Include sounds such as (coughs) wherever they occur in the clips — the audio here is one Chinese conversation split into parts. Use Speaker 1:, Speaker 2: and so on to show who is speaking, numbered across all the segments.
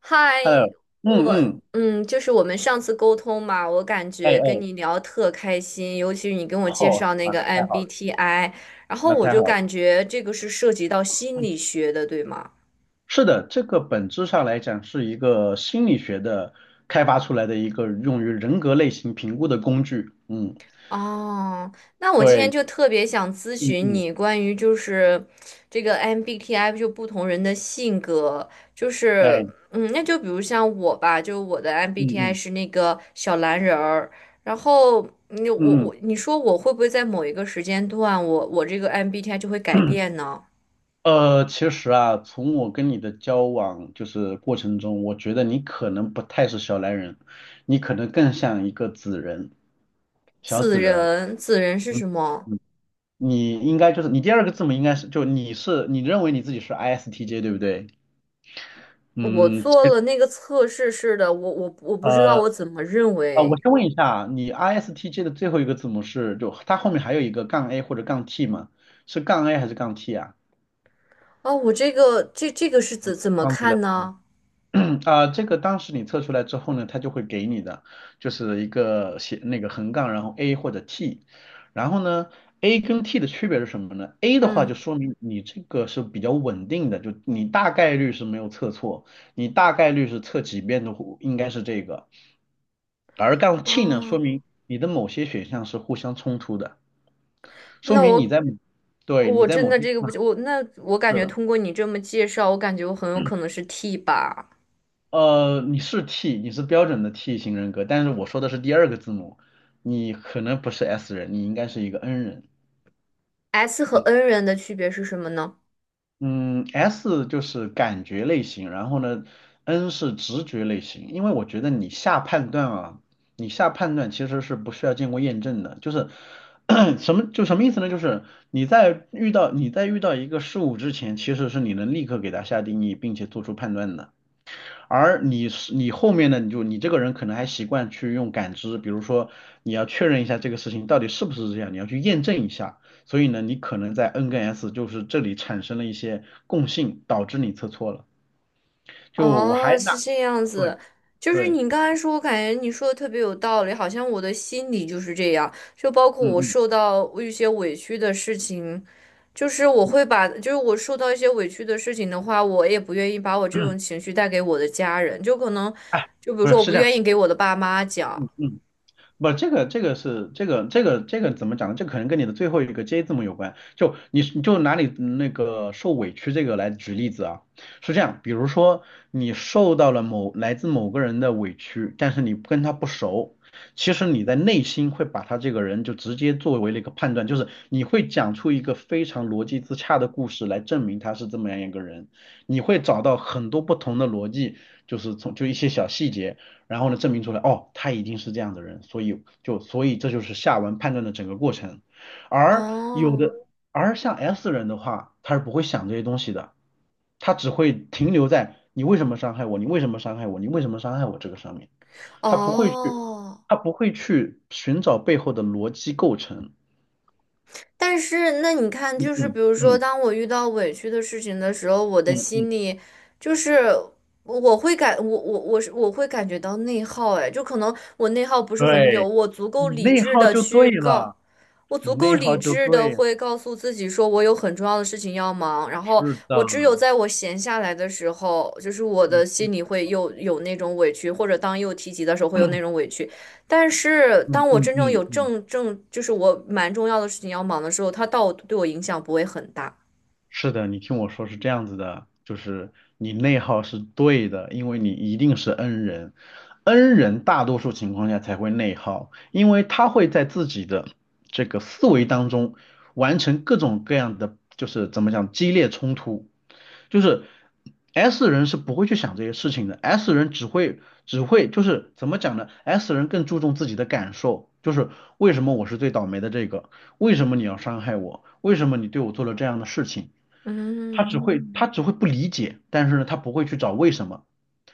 Speaker 1: 嗨，
Speaker 2: Hello,嗯嗯，
Speaker 1: 嗯，就是我们上次沟通嘛，我感
Speaker 2: 哎
Speaker 1: 觉跟
Speaker 2: 哎，
Speaker 1: 你聊特开心，尤其是你跟我介
Speaker 2: 哦，
Speaker 1: 绍那
Speaker 2: 妈，
Speaker 1: 个
Speaker 2: 那太好了，
Speaker 1: MBTI，然后
Speaker 2: 那
Speaker 1: 我
Speaker 2: 太
Speaker 1: 就
Speaker 2: 好了。
Speaker 1: 感觉这个是涉及到心理学的，对吗？
Speaker 2: 是的，这个本质上来讲是一个心理学的开发出来的一个用于人格类型评估的工具。嗯，
Speaker 1: 哦，那我今天
Speaker 2: 对，
Speaker 1: 就特别想咨
Speaker 2: 嗯
Speaker 1: 询
Speaker 2: 嗯，
Speaker 1: 你关于就是这个 MBTI 就不同人的性格，就是
Speaker 2: 哎，
Speaker 1: 那就比如像我吧，就我的
Speaker 2: 嗯
Speaker 1: MBTI 是
Speaker 2: 嗯
Speaker 1: 那个小蓝人儿，然后
Speaker 2: 嗯
Speaker 1: 你说我会不会在某一个时间段我这个 MBTI 就会改变呢？
Speaker 2: 其实啊，从我跟你的交往过程中，我觉得你可能不太是小蓝人，你可能更像一个紫人，小
Speaker 1: 子
Speaker 2: 紫人儿。
Speaker 1: 人，子人是
Speaker 2: 嗯
Speaker 1: 什么？
Speaker 2: 嗯你应该就是你第二个字母应该是就你是你认为你自己是 ISTJ 对不对？
Speaker 1: 我
Speaker 2: 嗯，其
Speaker 1: 做
Speaker 2: 实
Speaker 1: 了那个测试是的，我不知道
Speaker 2: 呃
Speaker 1: 我怎么认
Speaker 2: 我
Speaker 1: 为。
Speaker 2: 先问一下，你 ISTJ 的最后一个字母是就它后面还有一个杠 A 或者杠 T 吗？是杠 A 还是杠 T 啊？
Speaker 1: 啊，我这个是怎么
Speaker 2: 忘记了。
Speaker 1: 看呢？
Speaker 2: (clears throat) 这个当时你测出来之后呢，它就会给你的，就是一个写那个横杠，然后 A 或者 T,然后呢，A 跟 T 的区别是什么呢？A 的话就
Speaker 1: 嗯，
Speaker 2: 说明你这个是比较稳定的，就你大概率是没有测错，你大概率是测几遍都应该是这个，而杠 T 呢，说
Speaker 1: 啊，
Speaker 2: 明你的某些选项是互相冲突的，说
Speaker 1: 那
Speaker 2: 明你
Speaker 1: 我
Speaker 2: 在
Speaker 1: 我真
Speaker 2: 某
Speaker 1: 的
Speaker 2: 些地
Speaker 1: 这个不
Speaker 2: 方
Speaker 1: 行，我感觉
Speaker 2: 是。
Speaker 1: 通过你这么介绍，我感觉我很有可能是 T 吧。
Speaker 2: 你是 T,你是标准的 T 型人格，但是我说的是第二个字母，你可能不是 S 人，你应该是一个 N 人。
Speaker 1: S 和
Speaker 2: 嗯
Speaker 1: N 人的区别是什么呢？
Speaker 2: 嗯，S 就是感觉类型，然后呢，N 是直觉类型。因为我觉得你下判断啊，你下判断其实是不需要经过验证的，(coughs) (clears throat) 什么意思呢？就是你在遇到一个事物之前，其实是你能立刻给它下定义，并且做出判断的。而你是你后面呢，你就你这个人可能还习惯去用感知，比如说你要确认一下这个事情到底是不是这样，你要去验证一下。所以呢，你可能在 N 跟 S 就是这里产生了一些共性，导致你测错了。就我还
Speaker 1: 哦，
Speaker 2: 拿
Speaker 1: 是这样
Speaker 2: 对
Speaker 1: 子，就是
Speaker 2: 对，
Speaker 1: 你刚才说，我感觉你说的特别有道理，好像我的心里就是这样，就包括我
Speaker 2: 嗯
Speaker 1: 受到一些委屈的事情，就是我会把，就是我受到一些委屈的事情的话，我也不愿意把我这
Speaker 2: 嗯，
Speaker 1: 种情绪带给我的家人，就可能，
Speaker 2: (clears throat) 哎，
Speaker 1: 就比如
Speaker 2: 不是
Speaker 1: 说我
Speaker 2: 是
Speaker 1: 不
Speaker 2: 这样，
Speaker 1: 愿意给我的爸妈讲。
Speaker 2: 嗯。不，这个怎么讲呢？这可能跟你的最后一个 J 字母有关。就你你就拿你那个受委屈这个来举例子啊，是这样，比如说你受到了某来自某个人的委屈，但是你跟他不熟，其实你在内心会把他这个人就直接作为了一个判断，就是你会讲出一个非常逻辑自洽的故事来证明他是这么样一个人，你会找到很多不同的逻辑，就是从就一些小细节。然后呢，证明出来，哦，他一定是这样的人，所以这就是下文判断的整个过程。而有
Speaker 1: 哦
Speaker 2: 的，而像 S 人的话，他是不会想这些东西的，他只会停留在你为什么伤害我，你为什么伤害我，你为什么伤害我这个上面，他不会去，
Speaker 1: 哦，
Speaker 2: 他不会去寻找背后的逻辑构成。
Speaker 1: 但是那你看，
Speaker 2: 嗯
Speaker 1: 就是比
Speaker 2: 嗯
Speaker 1: 如说，
Speaker 2: 嗯
Speaker 1: 当我遇到委屈的事情的时候，我
Speaker 2: 嗯，
Speaker 1: 的
Speaker 2: 嗯，
Speaker 1: 心里就是我会感我我我是我会感觉到内耗，哎，就可能我内耗不是很久，
Speaker 2: 对，你内耗就对了，
Speaker 1: 我足
Speaker 2: 你
Speaker 1: 够
Speaker 2: 内
Speaker 1: 理
Speaker 2: 耗就
Speaker 1: 智的
Speaker 2: 对，
Speaker 1: 会告诉自己说，我有很重要的事情要忙，然后
Speaker 2: 是的，
Speaker 1: 我只有在我闲下来的时候，就是我的
Speaker 2: 嗯
Speaker 1: 心里会又有那种委屈，或者当又提及的时候会有那种委屈。但是
Speaker 2: 嗯
Speaker 1: 当我
Speaker 2: 嗯
Speaker 1: 真正有
Speaker 2: 嗯嗯。
Speaker 1: 正正，就是我蛮重要的事情要忙的时候，它到对我影响不会很大。
Speaker 2: 是的，你听我说是这样子的，就是你内耗是对的，因为你一定是 N 人，N 人大多数情况下才会内耗，因为他会在自己的这个思维当中完成各种各样的，就是怎么讲，激烈冲突，就是 S 人是不会去想这些事情的，S 人只会只会就是怎么讲呢？S 人更注重自己的感受，就是为什么我是最倒霉的这个，为什么你要伤害我，为什么你对我做了这样的事情。他只
Speaker 1: 嗯，
Speaker 2: 会他嗯只会不理解，但是呢，他不会去找为什么，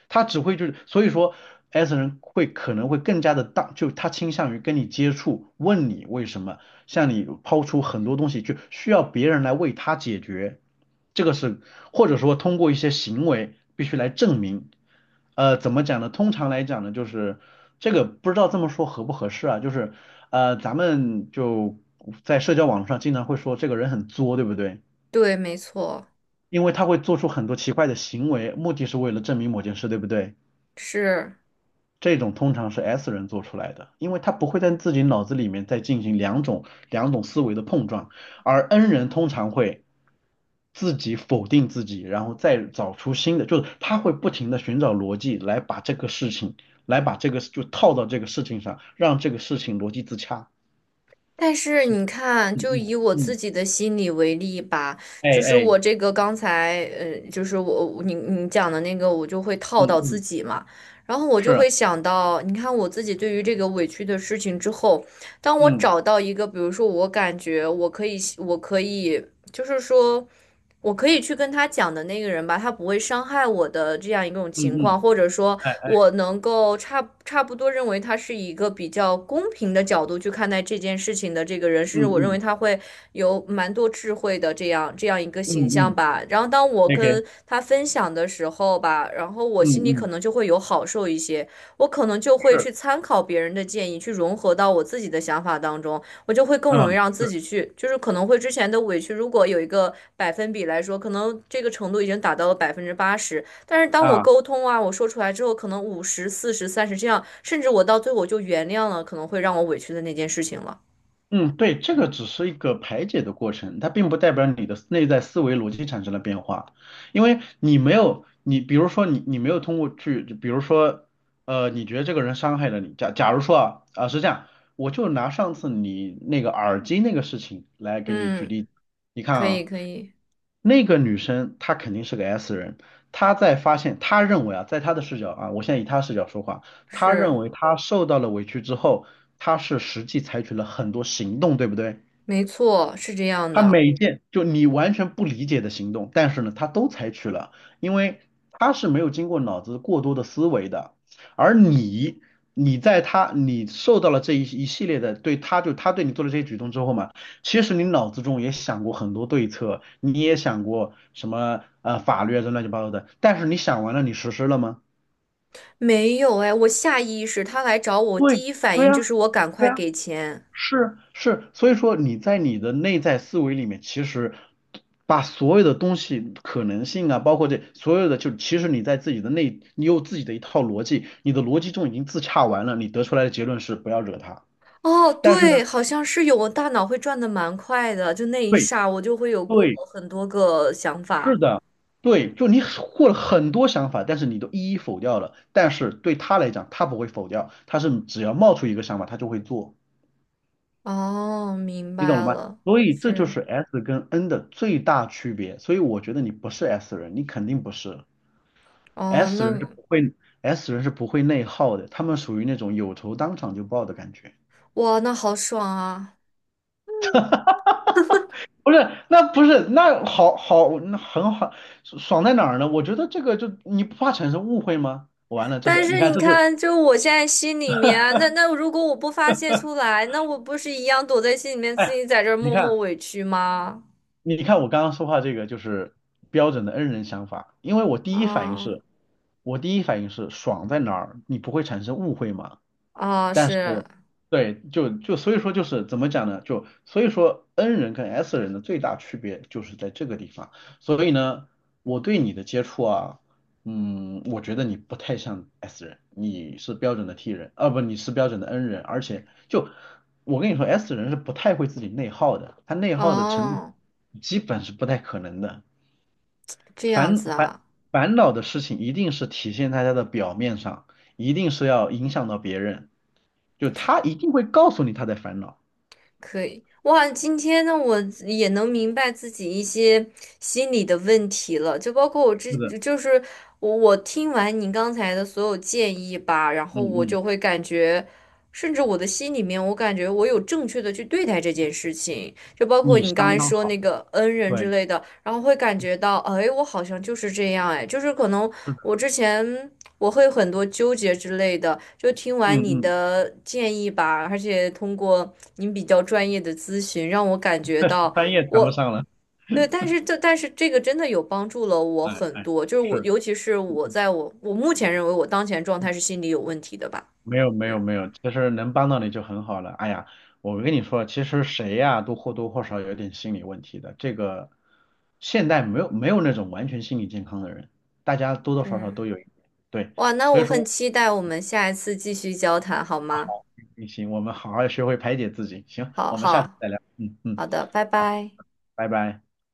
Speaker 2: 他只会就是，所以说 S 人会可能会更加的当，就他倾向于跟你接触，问你为什么，向你抛出很多东西，就需要别人来为他解决，这个是或者说通过一些行为必须来证明，呃，怎么讲呢？通常来讲呢，就是这个不知道这么说合不合适啊，就是呃，咱们就在社交网络上经常会说这个人很作，对不对？
Speaker 1: 对，没错，
Speaker 2: 因为他会做出很多奇怪的行为，目的是为了证明某件事，对不对？
Speaker 1: 是。
Speaker 2: 这种通常是 S 人做出来的，因为他不会在自己脑子里面再进行两种思维的碰撞，而 N 人通常会自己否定自己，然后再找出新的，就是他会不停的寻找逻辑来把这个事情，来把这个就套到这个事情上，让这个事情逻辑自洽。
Speaker 1: 但是
Speaker 2: 所
Speaker 1: 你看，
Speaker 2: 嗯
Speaker 1: 就
Speaker 2: 嗯
Speaker 1: 以我自
Speaker 2: 嗯，
Speaker 1: 己的心理为例吧，
Speaker 2: 哎
Speaker 1: 就是
Speaker 2: 哎，
Speaker 1: 我这个刚才，就是你讲的那个，我就会套
Speaker 2: 嗯
Speaker 1: 到自
Speaker 2: 嗯，
Speaker 1: 己嘛，然后我就
Speaker 2: 是啊，
Speaker 1: 会想到，你看我自己对于这个委屈的事情之后，当我
Speaker 2: 嗯
Speaker 1: 找到一个，比如说我感觉我可以，我可以，就是说。我可以去跟他讲的那个人吧，他不会伤害我的这样一种
Speaker 2: 嗯
Speaker 1: 情
Speaker 2: 嗯，
Speaker 1: 况，或者说，
Speaker 2: 哎
Speaker 1: 我能够差不多认为他是一个比较公平的角度去看待这件事情的这个人，甚
Speaker 2: 嗯
Speaker 1: 至我认为
Speaker 2: 嗯
Speaker 1: 他会有蛮多智慧的这样一个
Speaker 2: 嗯
Speaker 1: 形象
Speaker 2: 嗯
Speaker 1: 吧。然后当我
Speaker 2: 嗯，OK。
Speaker 1: 跟他分享的时候吧，然后我
Speaker 2: 嗯
Speaker 1: 心里可
Speaker 2: 嗯，
Speaker 1: 能就会有好受一些，我可能就会
Speaker 2: 是，
Speaker 1: 去参考别人的建议，去融合到我自己的想法当中。我就会更容易
Speaker 2: 嗯
Speaker 1: 让自
Speaker 2: 是
Speaker 1: 己去，就是可能会之前的委屈，如果有一个百分比来说，可能这个程度已经达到了80%，但是当我
Speaker 2: 啊，
Speaker 1: 沟通啊，我说出来之后，可能50、40、30这样，甚至我到最后我就原谅了，可能会让我委屈的那件事情了。
Speaker 2: 嗯，对，这个只是一个排解的过程，它并不代表你的内在思维逻辑产生了变化，因为你没有，你比如说你没有通过去，比如说，呃，你觉得这个人伤害了你，假如说是这样，我就拿上次你那个耳机那个事情来给你举
Speaker 1: 嗯，
Speaker 2: 例，你看
Speaker 1: 可以，
Speaker 2: 啊。
Speaker 1: 可以，
Speaker 2: 那个女生她肯定是个 S 人，她在发现，她认为啊，在她的视角啊，我现在以她视角说话，她认
Speaker 1: 是，
Speaker 2: 为她受到了委屈之后，她是实际采取了很多行动，对不对？
Speaker 1: 没错，是这样
Speaker 2: 他
Speaker 1: 的。
Speaker 2: 每一件就你完全不理解的行动，但是呢，他都采取了，因为他是没有经过脑子过多的思维的，而你，你在他，你受到了这一系列的他对你做的这些举动之后嘛，其实你脑子中也想过很多对策，你也想过什么呃法律啊这乱七八糟的，但是你想完了，你实施了吗？
Speaker 1: 没有哎，我下意识他来找我，
Speaker 2: 对，
Speaker 1: 第一反
Speaker 2: 对
Speaker 1: 应
Speaker 2: 呀，
Speaker 1: 就是我赶
Speaker 2: 对
Speaker 1: 快
Speaker 2: 呀，
Speaker 1: 给钱。
Speaker 2: 是是，所以说你在你的内在思维里面，其实把所有的东西可能性啊，包括这所有的，就其实你在自己的内，你有自己的一套逻辑，你的逻辑中已经自洽完了，你得出来的结论是不要惹他。
Speaker 1: 哦，
Speaker 2: 但是呢，
Speaker 1: 对，好像是有，我大脑会转的蛮快的，就那一
Speaker 2: 对
Speaker 1: 刹我就会有过
Speaker 2: 对，
Speaker 1: 很多个想
Speaker 2: 是
Speaker 1: 法。
Speaker 2: 的，对，就你获了很多想法，但是你都一一否掉了。但是对他来讲，他不会否掉，他是只要冒出一个想法，他就会做。
Speaker 1: 哦，明
Speaker 2: 你懂
Speaker 1: 白
Speaker 2: 了吗？
Speaker 1: 了，
Speaker 2: 所以这就
Speaker 1: 是，
Speaker 2: 是 S 跟 N 的最大区别。所以我觉得你不是 S 人，你肯定不是
Speaker 1: 哦，
Speaker 2: S
Speaker 1: 那
Speaker 2: 人是不会 S 人是不会内耗的，他们属于那种有仇当场就报的感觉。
Speaker 1: 哇，那好爽啊！
Speaker 2: 不是，那不是，那好好，那很好，爽在哪儿呢？我觉得这个就你不怕产生误会吗？完了，这
Speaker 1: 但
Speaker 2: 是你
Speaker 1: 是
Speaker 2: 看，
Speaker 1: 你
Speaker 2: 这就是
Speaker 1: 看，就我现在心里面啊，那如果我不发泄出来，那我不是一样躲在心里面，自
Speaker 2: 哎，
Speaker 1: 己在这儿
Speaker 2: 你
Speaker 1: 默默
Speaker 2: 看，
Speaker 1: 委屈吗？
Speaker 2: 你看我刚刚说话这个就是标准的 N 人想法，因为
Speaker 1: 啊
Speaker 2: 我第一反应是爽在哪儿，你不会产生误会吗？
Speaker 1: 啊，
Speaker 2: 但是，
Speaker 1: 是，
Speaker 2: 对，所以说就是怎么讲呢？就所以说 N 人跟 S 人的最大区别就是在这个地方。所以呢，我对你的接触啊，嗯，我觉得你不太像 S 人，你是标准的 T 人，啊不，你是标准的 N 人，而且就我跟你说，S 人是不太会自己内耗的，他内耗的程度
Speaker 1: 哦，
Speaker 2: 基本是不太可能的，
Speaker 1: 这样
Speaker 2: 烦
Speaker 1: 子
Speaker 2: 烦
Speaker 1: 啊。
Speaker 2: 烦恼的事情一定是体现在他的表面上，一定是要影响到别人。就他一定会告诉你他在烦恼。
Speaker 1: 可以，哇，今天呢，我也能明白自己一些心理的问题了，就包括
Speaker 2: 是的，
Speaker 1: 就是我听完你刚才的所有建议吧，然
Speaker 2: 嗯
Speaker 1: 后我
Speaker 2: 嗯，
Speaker 1: 就会感觉，甚至我的心里面，我感觉我有正确的去对待这件事情，就包括
Speaker 2: 你
Speaker 1: 你刚
Speaker 2: 相
Speaker 1: 才
Speaker 2: 当
Speaker 1: 说
Speaker 2: 好，
Speaker 1: 那个恩人之
Speaker 2: 对，
Speaker 1: 类的，然后会感觉到，哎，我好像就是这样，哎，就是可能
Speaker 2: 是的，
Speaker 1: 我之前。我会很多纠结之类的，就听
Speaker 2: 嗯
Speaker 1: 完你
Speaker 2: 嗯，
Speaker 1: 的建议吧，而且通过您比较专业的咨询，让我感觉
Speaker 2: (laughs)
Speaker 1: 到
Speaker 2: 专业谈不
Speaker 1: 我，
Speaker 2: 上了，
Speaker 1: 对，但是这个真的有帮助了我
Speaker 2: 哎
Speaker 1: 很
Speaker 2: 哎，
Speaker 1: 多，就是我
Speaker 2: 是，
Speaker 1: 尤其是我
Speaker 2: 嗯
Speaker 1: 在我我目前认为我当前状态是心理有问题的吧，
Speaker 2: 没有没
Speaker 1: 嗯
Speaker 2: 有没有，其实能帮到你就很好了。哎呀，我跟你说，其实谁呀、都或多或少有点心理问题的。这个现在没有那种完全心理健康的人，大家多多少少
Speaker 1: 是，
Speaker 2: 都有一点。对，
Speaker 1: 哇，那
Speaker 2: 所以
Speaker 1: 我很
Speaker 2: 说
Speaker 1: 期待我们下一次继续交谈，好吗？
Speaker 2: 行，我们好好学会排解自己。行，
Speaker 1: 好
Speaker 2: 我们下次
Speaker 1: 好
Speaker 2: 再聊。嗯嗯，
Speaker 1: 好的，拜
Speaker 2: 好，
Speaker 1: 拜。
Speaker 2: 拜拜。